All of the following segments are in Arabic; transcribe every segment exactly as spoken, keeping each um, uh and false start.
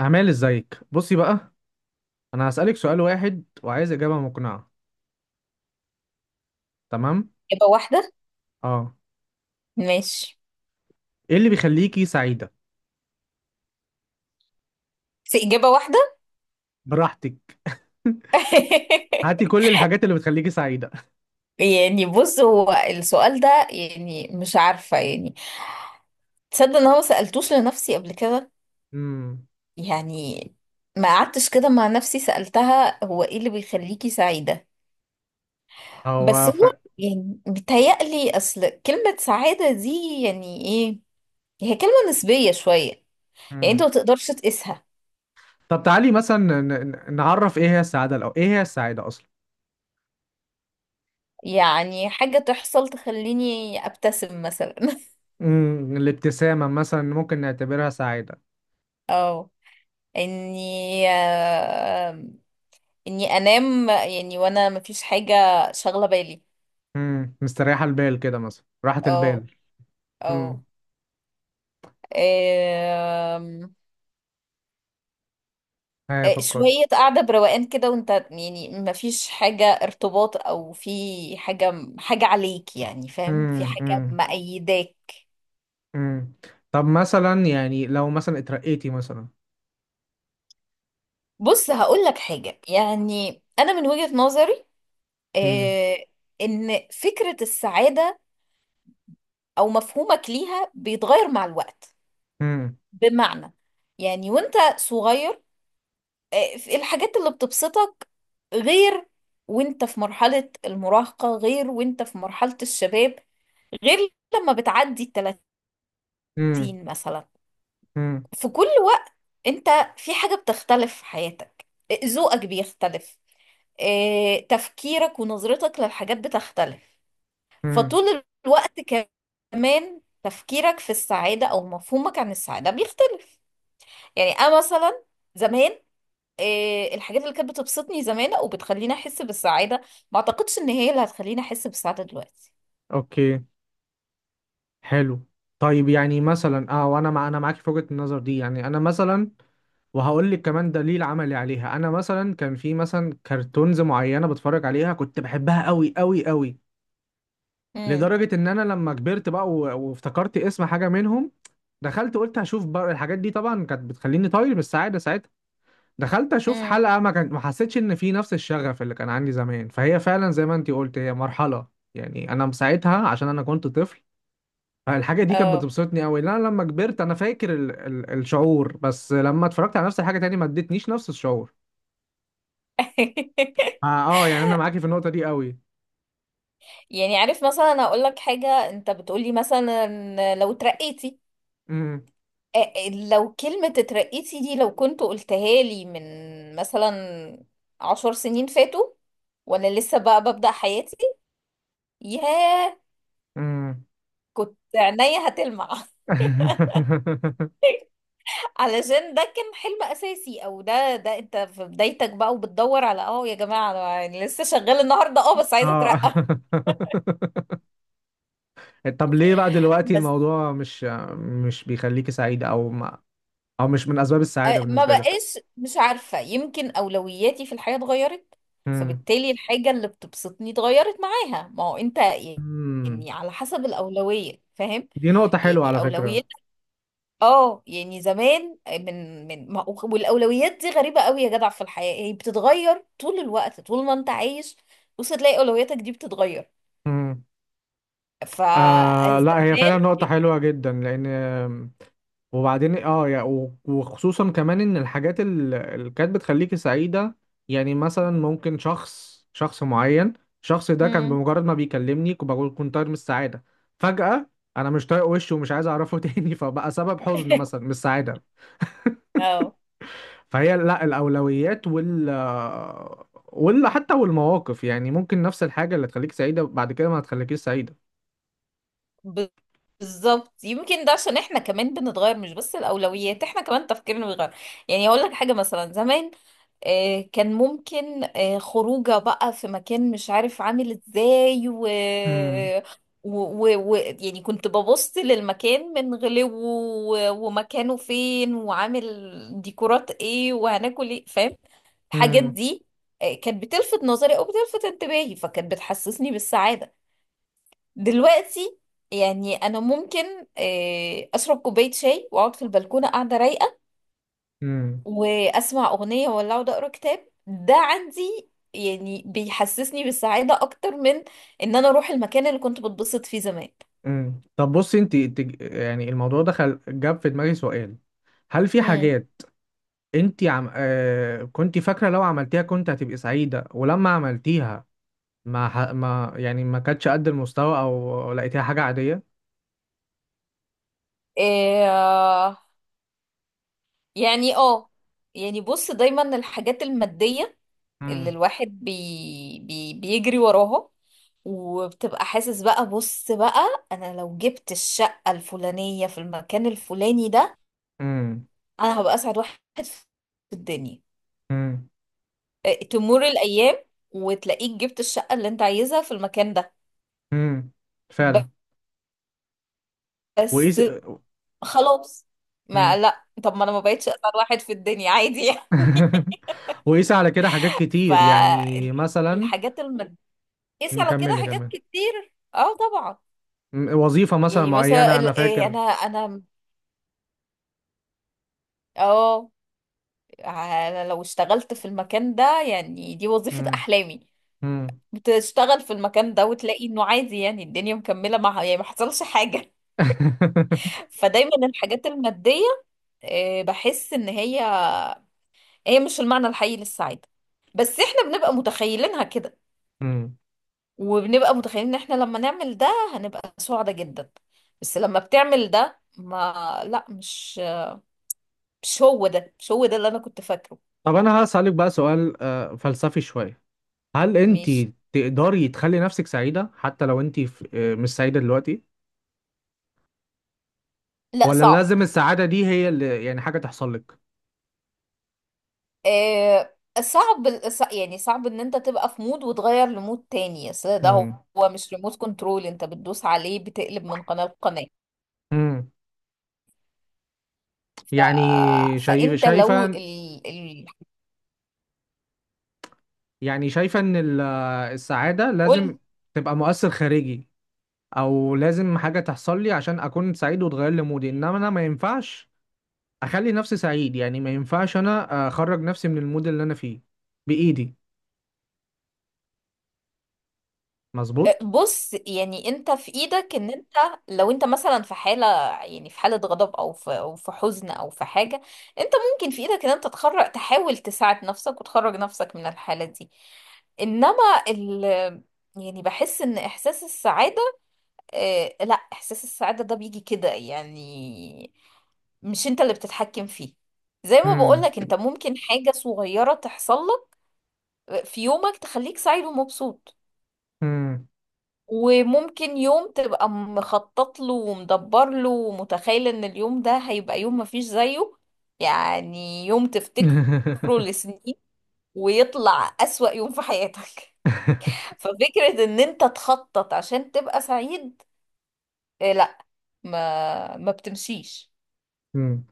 أعمال ازيك، بصي بقى. أنا هسألك سؤال واحد وعايز إجابة مقنعة. تمام. إجابة واحدة. اه. ماشي. ايه اللي بيخليكي سعيدة؟ بس إجابة واحدة. براحتك. هاتي كل الحاجات اللي بتخليكي سعيدة. يعني بص، هو السؤال ده يعني مش عارفة يعني، تصدق إن هو سألتوش لنفسي قبل كده؟ امم يعني ما قعدتش كده مع نفسي سألتها هو إيه اللي بيخليكي سعيدة. بس هو ف... هو يعني بيتهيألي أصل كلمة سعادة دي يعني إيه؟ هي كلمة نسبية شوية. يعني أنت مم. ما تقدرش تقيسها. طب تعالي مثلا ن... ن- نعرف ايه هي السعادة الأول، ايه هي السعادة أصلا؟ يعني حاجة تحصل تخليني أبتسم مثلا. امم الابتسامة مثلا ممكن نعتبرها سعادة. اه، اني آه، اني انام يعني، وانا مفيش حاجة شاغلة بالي. امم مستريحة البال كده، مثلا راحة او البال. او امم. آم، هي آه، فكري. شوية قاعدة بروقان كده، وانت يعني مفيش حاجة ارتباط، او في حاجة حاجة عليك، يعني فاهم، في امم، حاجة امم. مأيداك. امم. طب مثلا يعني لو مثلا اترقيتي مثلا. بص هقول لك حاجة، يعني انا من وجهة نظري، آه، ان فكرة السعادة او مفهومك ليها بيتغير مع الوقت. امم. بمعنى، يعني وانت صغير، آه، في الحاجات اللي بتبسطك غير، وانت في مرحلة المراهقة غير، وانت في مرحلة الشباب غير، لما بتعدي التلاتين امم. مثلا. امم. في كل وقت انت في حاجة بتختلف في حياتك، آه، ذوقك بيختلف، آه، تفكيرك ونظرتك للحاجات بتختلف. امم. فطول الوقت كمان تفكيرك في السعادة أو مفهومك عن السعادة بيختلف. يعني أنا مثلا زمان، آه، الحاجات اللي كانت بتبسطني زمان وبتخليني احس بالسعاده، ما اعتقدش ان هي اللي هتخليني احس بالسعاده دلوقتي. اوكي. حلو. طيب، يعني مثلا اه وانا مع انا معاك في وجهة النظر دي، يعني انا مثلا. وهقول لك كمان دليل عملي عليها، انا مثلا كان في مثلا كرتونز معينة بتفرج عليها كنت بحبها قوي قوي قوي. امم، لدرجة ان انا لما كبرت بقى و- وافتكرت اسم حاجة منهم، دخلت قلت هشوف بقى الحاجات دي. طبعا كانت بتخليني طاير من السعادة ساعتها. دخلت اشوف امم، حلقه ما كان ما حسيتش ان في نفس الشغف اللي كان عندي زمان، فهي فعلا زي ما انتي قلت، هي مرحله. يعني انا ساعتها عشان انا كنت طفل، فالحاجه دي كانت اه. بتبسطني قوي، لا لما كبرت انا فاكر ال ال الشعور، بس لما اتفرجت على نفس الحاجه تاني ما ادتنيش نفس الشعور. اه، آه، يعني انا معاكي في النقطه دي قوي. يعني عارف مثلا اقول لك حاجه، انت بتقولي مثلا لو اترقيتي، امم، آه، آه، لو كلمه اترقيتي دي لو كنت قلتها لي من مثلا عشر سنين فاتوا، وانا لسه بقى ببدأ حياتي، ياه، امم. كنت عينيا هتلمع. علشان ده كان حلم اساسي، او ده ده انت في بدايتك بقى وبتدور على، اه يا جماعه أنا يعني لسه شغال النهارده اه بس عايزه اه. اترقى. طب ليه بقى دلوقتي بس، الموضوع مش مش بيخليكي سعيده، او ما او مش من اسباب آه، السعاده ما بالنسبه لك؟ بقاش، مش عارفه، يمكن اولوياتي في الحياه اتغيرت، إمم. فبالتالي الحاجه اللي بتبسطني اتغيرت معاها. ما هو انت مم. يعني على حسب الاولويه، فاهم؟ دي نقطة حلوة يعني على فكرة. اولويات. اه يعني زمان، من من ما- والاولويات دي غريبه قوي يا جدع، في الحياه هي بتتغير طول الوقت، طول ما انت عايش بص تلاقي اولوياتك دي بتتغير. مم. آه، لا هي فعلا فالزبدان، نقطة حلوة جدا لأن آم، وبعدين اه يا- و- وخصوصا كمان إن الحاجات ال- اللي كانت بتخليكي سعيدة. يعني مثلا ممكن شخص شخص معين، الشخص ده كان امم، بمجرد ما بيكلمني كنت بقول كنت طاير من السعادة. فجأة أنا مش طايق وشه ومش عايز أعرفه تاني، فبقى سبب حزن مثلا مش سعادة. اه فهي لا، الاولويات وال ولا حتى والمواقف، يعني ممكن نفس الحاجه اللي تخليك سعيده بعد كده ما هتخليكيش سعيده. بالظبط، يمكن ده عشان احنا كمان بنتغير، مش بس الاولويات، احنا كمان تفكيرنا بيتغير. يعني اقول لك حاجه مثلا، زمان آه، كان ممكن آه، خروجه بقى في مكان مش عارف عامل ازاي، و... امم، و... و... و... يعني كنت ببص للمكان من غلوه، و... ومكانه فين، وعامل ديكورات ايه، وهناكل ايه، فاهم، الحاجات امم، دي آه، كانت بتلفت نظري او بتلفت انتباهي، فكانت بتحسسني بالسعادة. دلوقتي يعني انا ممكن آه، اشرب كوباية شاي واقعد في البلكونة قاعدة رايقة، امم، واسمع اغنيه ولا اقعد اقرا كتاب، ده عندي يعني بيحسسني بالسعاده اكتر من ان انا اروح المكان اللي كنت بتبسط فيه زمان. امم. طب بصي انت، يعني الموضوع ده خل... جاب في دماغي سؤال. هل في امم، حاجات انت عم... آه... كنت فاكره لو عملتيها كنت هتبقي سعيده، ولما عملتيها ما ح... ما يعني ما كانتش قد المستوى او لقيتيها حاجه عاديه؟ إيه يعني، اه يعني بص، دايما الحاجات الماديه اللي امم، الواحد بي بي بيجري وراها، وبتبقى حاسس بقى، بص بقى انا لو جبت الشقه الفلانيه في المكان الفلاني ده، امم، انا هبقى اسعد واحد في الدنيا. امم، آه، تمر الايام وتلاقيك جبت الشقه اللي انت عايزها في المكان ده، امم. فعلا. وايه س... بس خلاص. ما لا، طب ما انا ما بقتش اسعد واحد في الدنيا، عادي يعني. وقيس على كده حاجات كتير، يعني مثلا فالحاجات الماديه، قيس على كده نكمل حاجات كمان. كتير، اه طبعا. م- وظيفة مثلا يعني مثلا معينة أنا ال- إيه، انا فاكر. انا اه، أنا لو اشتغلت في المكان ده يعني دي وظيفه مم. احلامي، مم. بتشتغل في المكان ده وتلاقي انه عادي، يعني الدنيا مكمله معها، يعني ما حصلش حاجه. فدايما الحاجات الماديه، آه، بحس ان هي هي مش المعنى الحقيقي للسعاده، بس احنا بنبقى متخيلينها كده، مم. وبنبقى متخيلين ان احنا لما نعمل ده هنبقى سعداء جدا. بس لما بتعمل ده، ما لا، مش مش هو ده مش هو ده اللي انا كنت فاكره. طب أنا هسألك بقى سؤال آه، فلسفي شوية. هل أنت مش تقدري تخلي نفسك سعيدة حتى لو أنت في- آه، مش سعيدة دلوقتي، لا ولا صعب. لازم السعادة دي هي اللي يعني حاجة تحصل لك؟ آه صعب، صع- يعني صعب ان انت تبقى في مود وتغير لمود تاني، اصل ده هو، مم. هو مش ريموت كنترول انت بتدوس عليه بتقلب من قناة لقناة. مم. ف... يعني شايف فانت لو شايفة، ال... ال... يعني شايفة إن ال- آه، السعادة لازم قلت، تبقى مؤثر خارجي، او لازم حاجه تحصل لي عشان اكون سعيد وتغير لي مودي، انما انا ما ينفعش اخلي نفسي سعيد، يعني ما ينفعش انا اخرج نفسي من المود اللي انا فيه بايدي. مظبوط. بص يعني انت في ايدك ان انت، لو انت مثلا في حالة، يعني في حالة غضب، او في، او في حزن، او في حاجة، انت ممكن في ايدك ان انت تخرج تحاول تساعد نفسك وتخرج نفسك من الحالة دي. انما ال يعني بحس ان احساس السعادة، اه، لا احساس السعادة ده بيجي كده يعني، مش انت اللي بتتحكم فيه. زي ما امم، بقولك انت ممكن حاجة صغيرة تحصل لك آه، في يومك تخليك سعيد ومبسوط، امم. وممكن يوم تبقى مخطط له ومدبر له، ومتخيل ان اليوم ده هيبقى يوم مفيش زيه، يعني يوم تفتكره لسنين، ويطلع أسوأ يوم في حياتك. ففكرة ان انت تخطط عشان تبقى سعيد، آه، لا، ما ما بتمشيش. امم.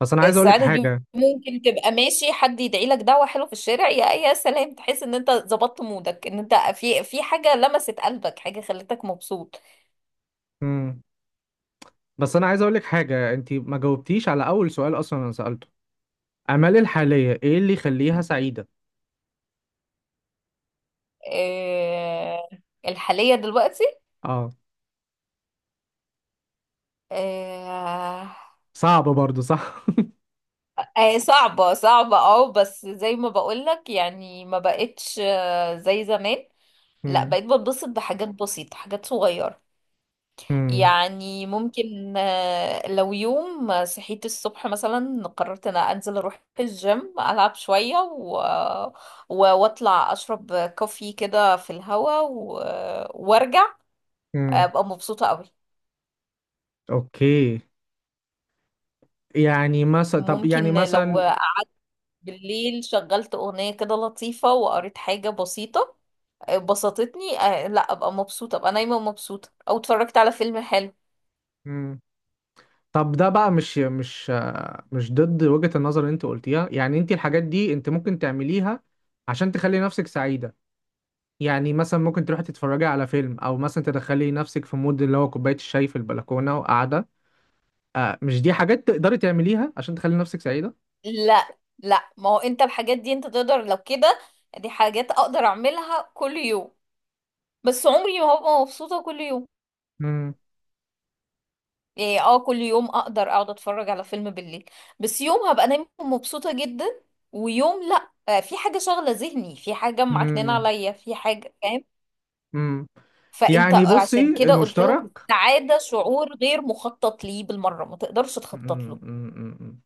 بس انا عايز اقول لك السعادة دي حاجه. ممكن تبقى ماشي حد يدعي لك دعوة حلوة في الشارع، يا يا سلام، تحس ان انت ظبطت مودك، ان انت في، في حاجة لمست قلبك، حاجة خلتك مبسوط. امم. بس انا عايز اقول لك حاجه، انت ما جاوبتيش على اول سؤال اصلا. انا سالته اعمالي الحاليه ايه اللي يخليها سعيده. آه، الحالية دلوقتي؟ اه. آه، صعب برضو، صح؟ آه، صعبة، صعبة، اه، بس زي ما بقولك يعني، ما بقتش آه، زي زمان، لا امم، بقيت بتبسط بحاجات بسيطة، حاجات صغيرة. امم، يعني ممكن آه، لو يوم صحيت الصبح مثلا، قررت ان أنا انزل اروح الجيم العب شوية، و... و- واطلع اشرب كوفي كده في الهوا، و... وارجع امم. ابقى مبسوطة قوي. اوكي. يعني مثلا طب يعني ممكن لو مثلا. بالليل شغلت أغنية كده لطيفة وقريت حاجة بسيطة بسطتني، آه، لا أبقى مبسوطة، أبقى نايمة مبسوطة، أو اتفرجت على فيلم حلو. مم. طب ده بقى مش مش مش ضد وجهة النظر اللي انت قلتيها، يعني انت الحاجات دي انت ممكن تعمليها عشان تخلي نفسك سعيدة. يعني مثلا ممكن تروحي تتفرجي على فيلم، او مثلا تدخلي نفسك في مود اللي هو كوباية الشاي في البلكونة وقاعدة. آه، مش دي حاجات تقدري تعمليها عشان تخلي نفسك سعيدة؟ لا لا، ما هو أنت الحاجات دي أنت تقدر، لو كده دي حاجات أقدر أعملها كل يوم، بس عمري ما هبقى مبسوطة كل يوم. امم، يعني اه كل يوم أقدر أقعد أتفرج على فيلم بالليل، بس يوم هبقى نايمة مبسوطة جدا، ويوم لا آه، في حاجة شاغلة ذهني، في حاجة معكنانة امم، عليا، في حاجة فاهم؟ امم. فانت يعني بصي عشان كده قلت لك، المشترك. السعادة شعور غير مخطط ليه بالمرة، ما تقدرش تخطط مم، له. مم، مم.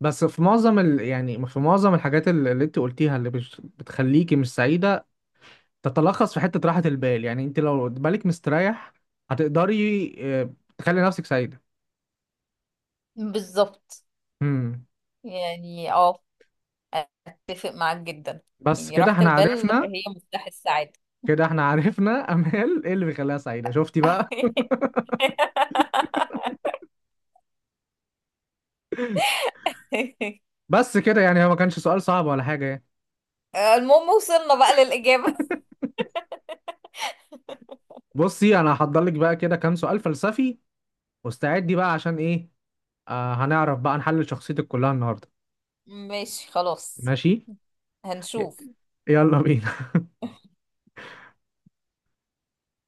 بس في معظم ال... يعني في معظم الحاجات اللي اللي انت قلتيها اللي بش... بتخليكي مش سعيدة تتلخص في حتة راحة البال، يعني انت لو بالك مستريح هتقدري آه، تخلي نفسك سعيدة. بالظبط. امم. يعني اه اتفق معاك جدا. بس يعني كده راحة احنا البال عرفنا. هي مفتاح السعادة. كده احنا عرفنا. امال ايه اللي بيخليها سعيدة، شفتي بقى؟ بس كده، يعني هو ما كانش سؤال صعب ولا حاجة يعني. المهم وصلنا بقى للإجابة. بصي انا هحضر لك بقى كده كام سؤال فلسفي، واستعدي بقى عشان ايه؟ آه، هنعرف بقى نحلل شخصيتك كلها النهاردة. ماشي، خلاص، ماشي. ي- هنشوف. يلا بينا.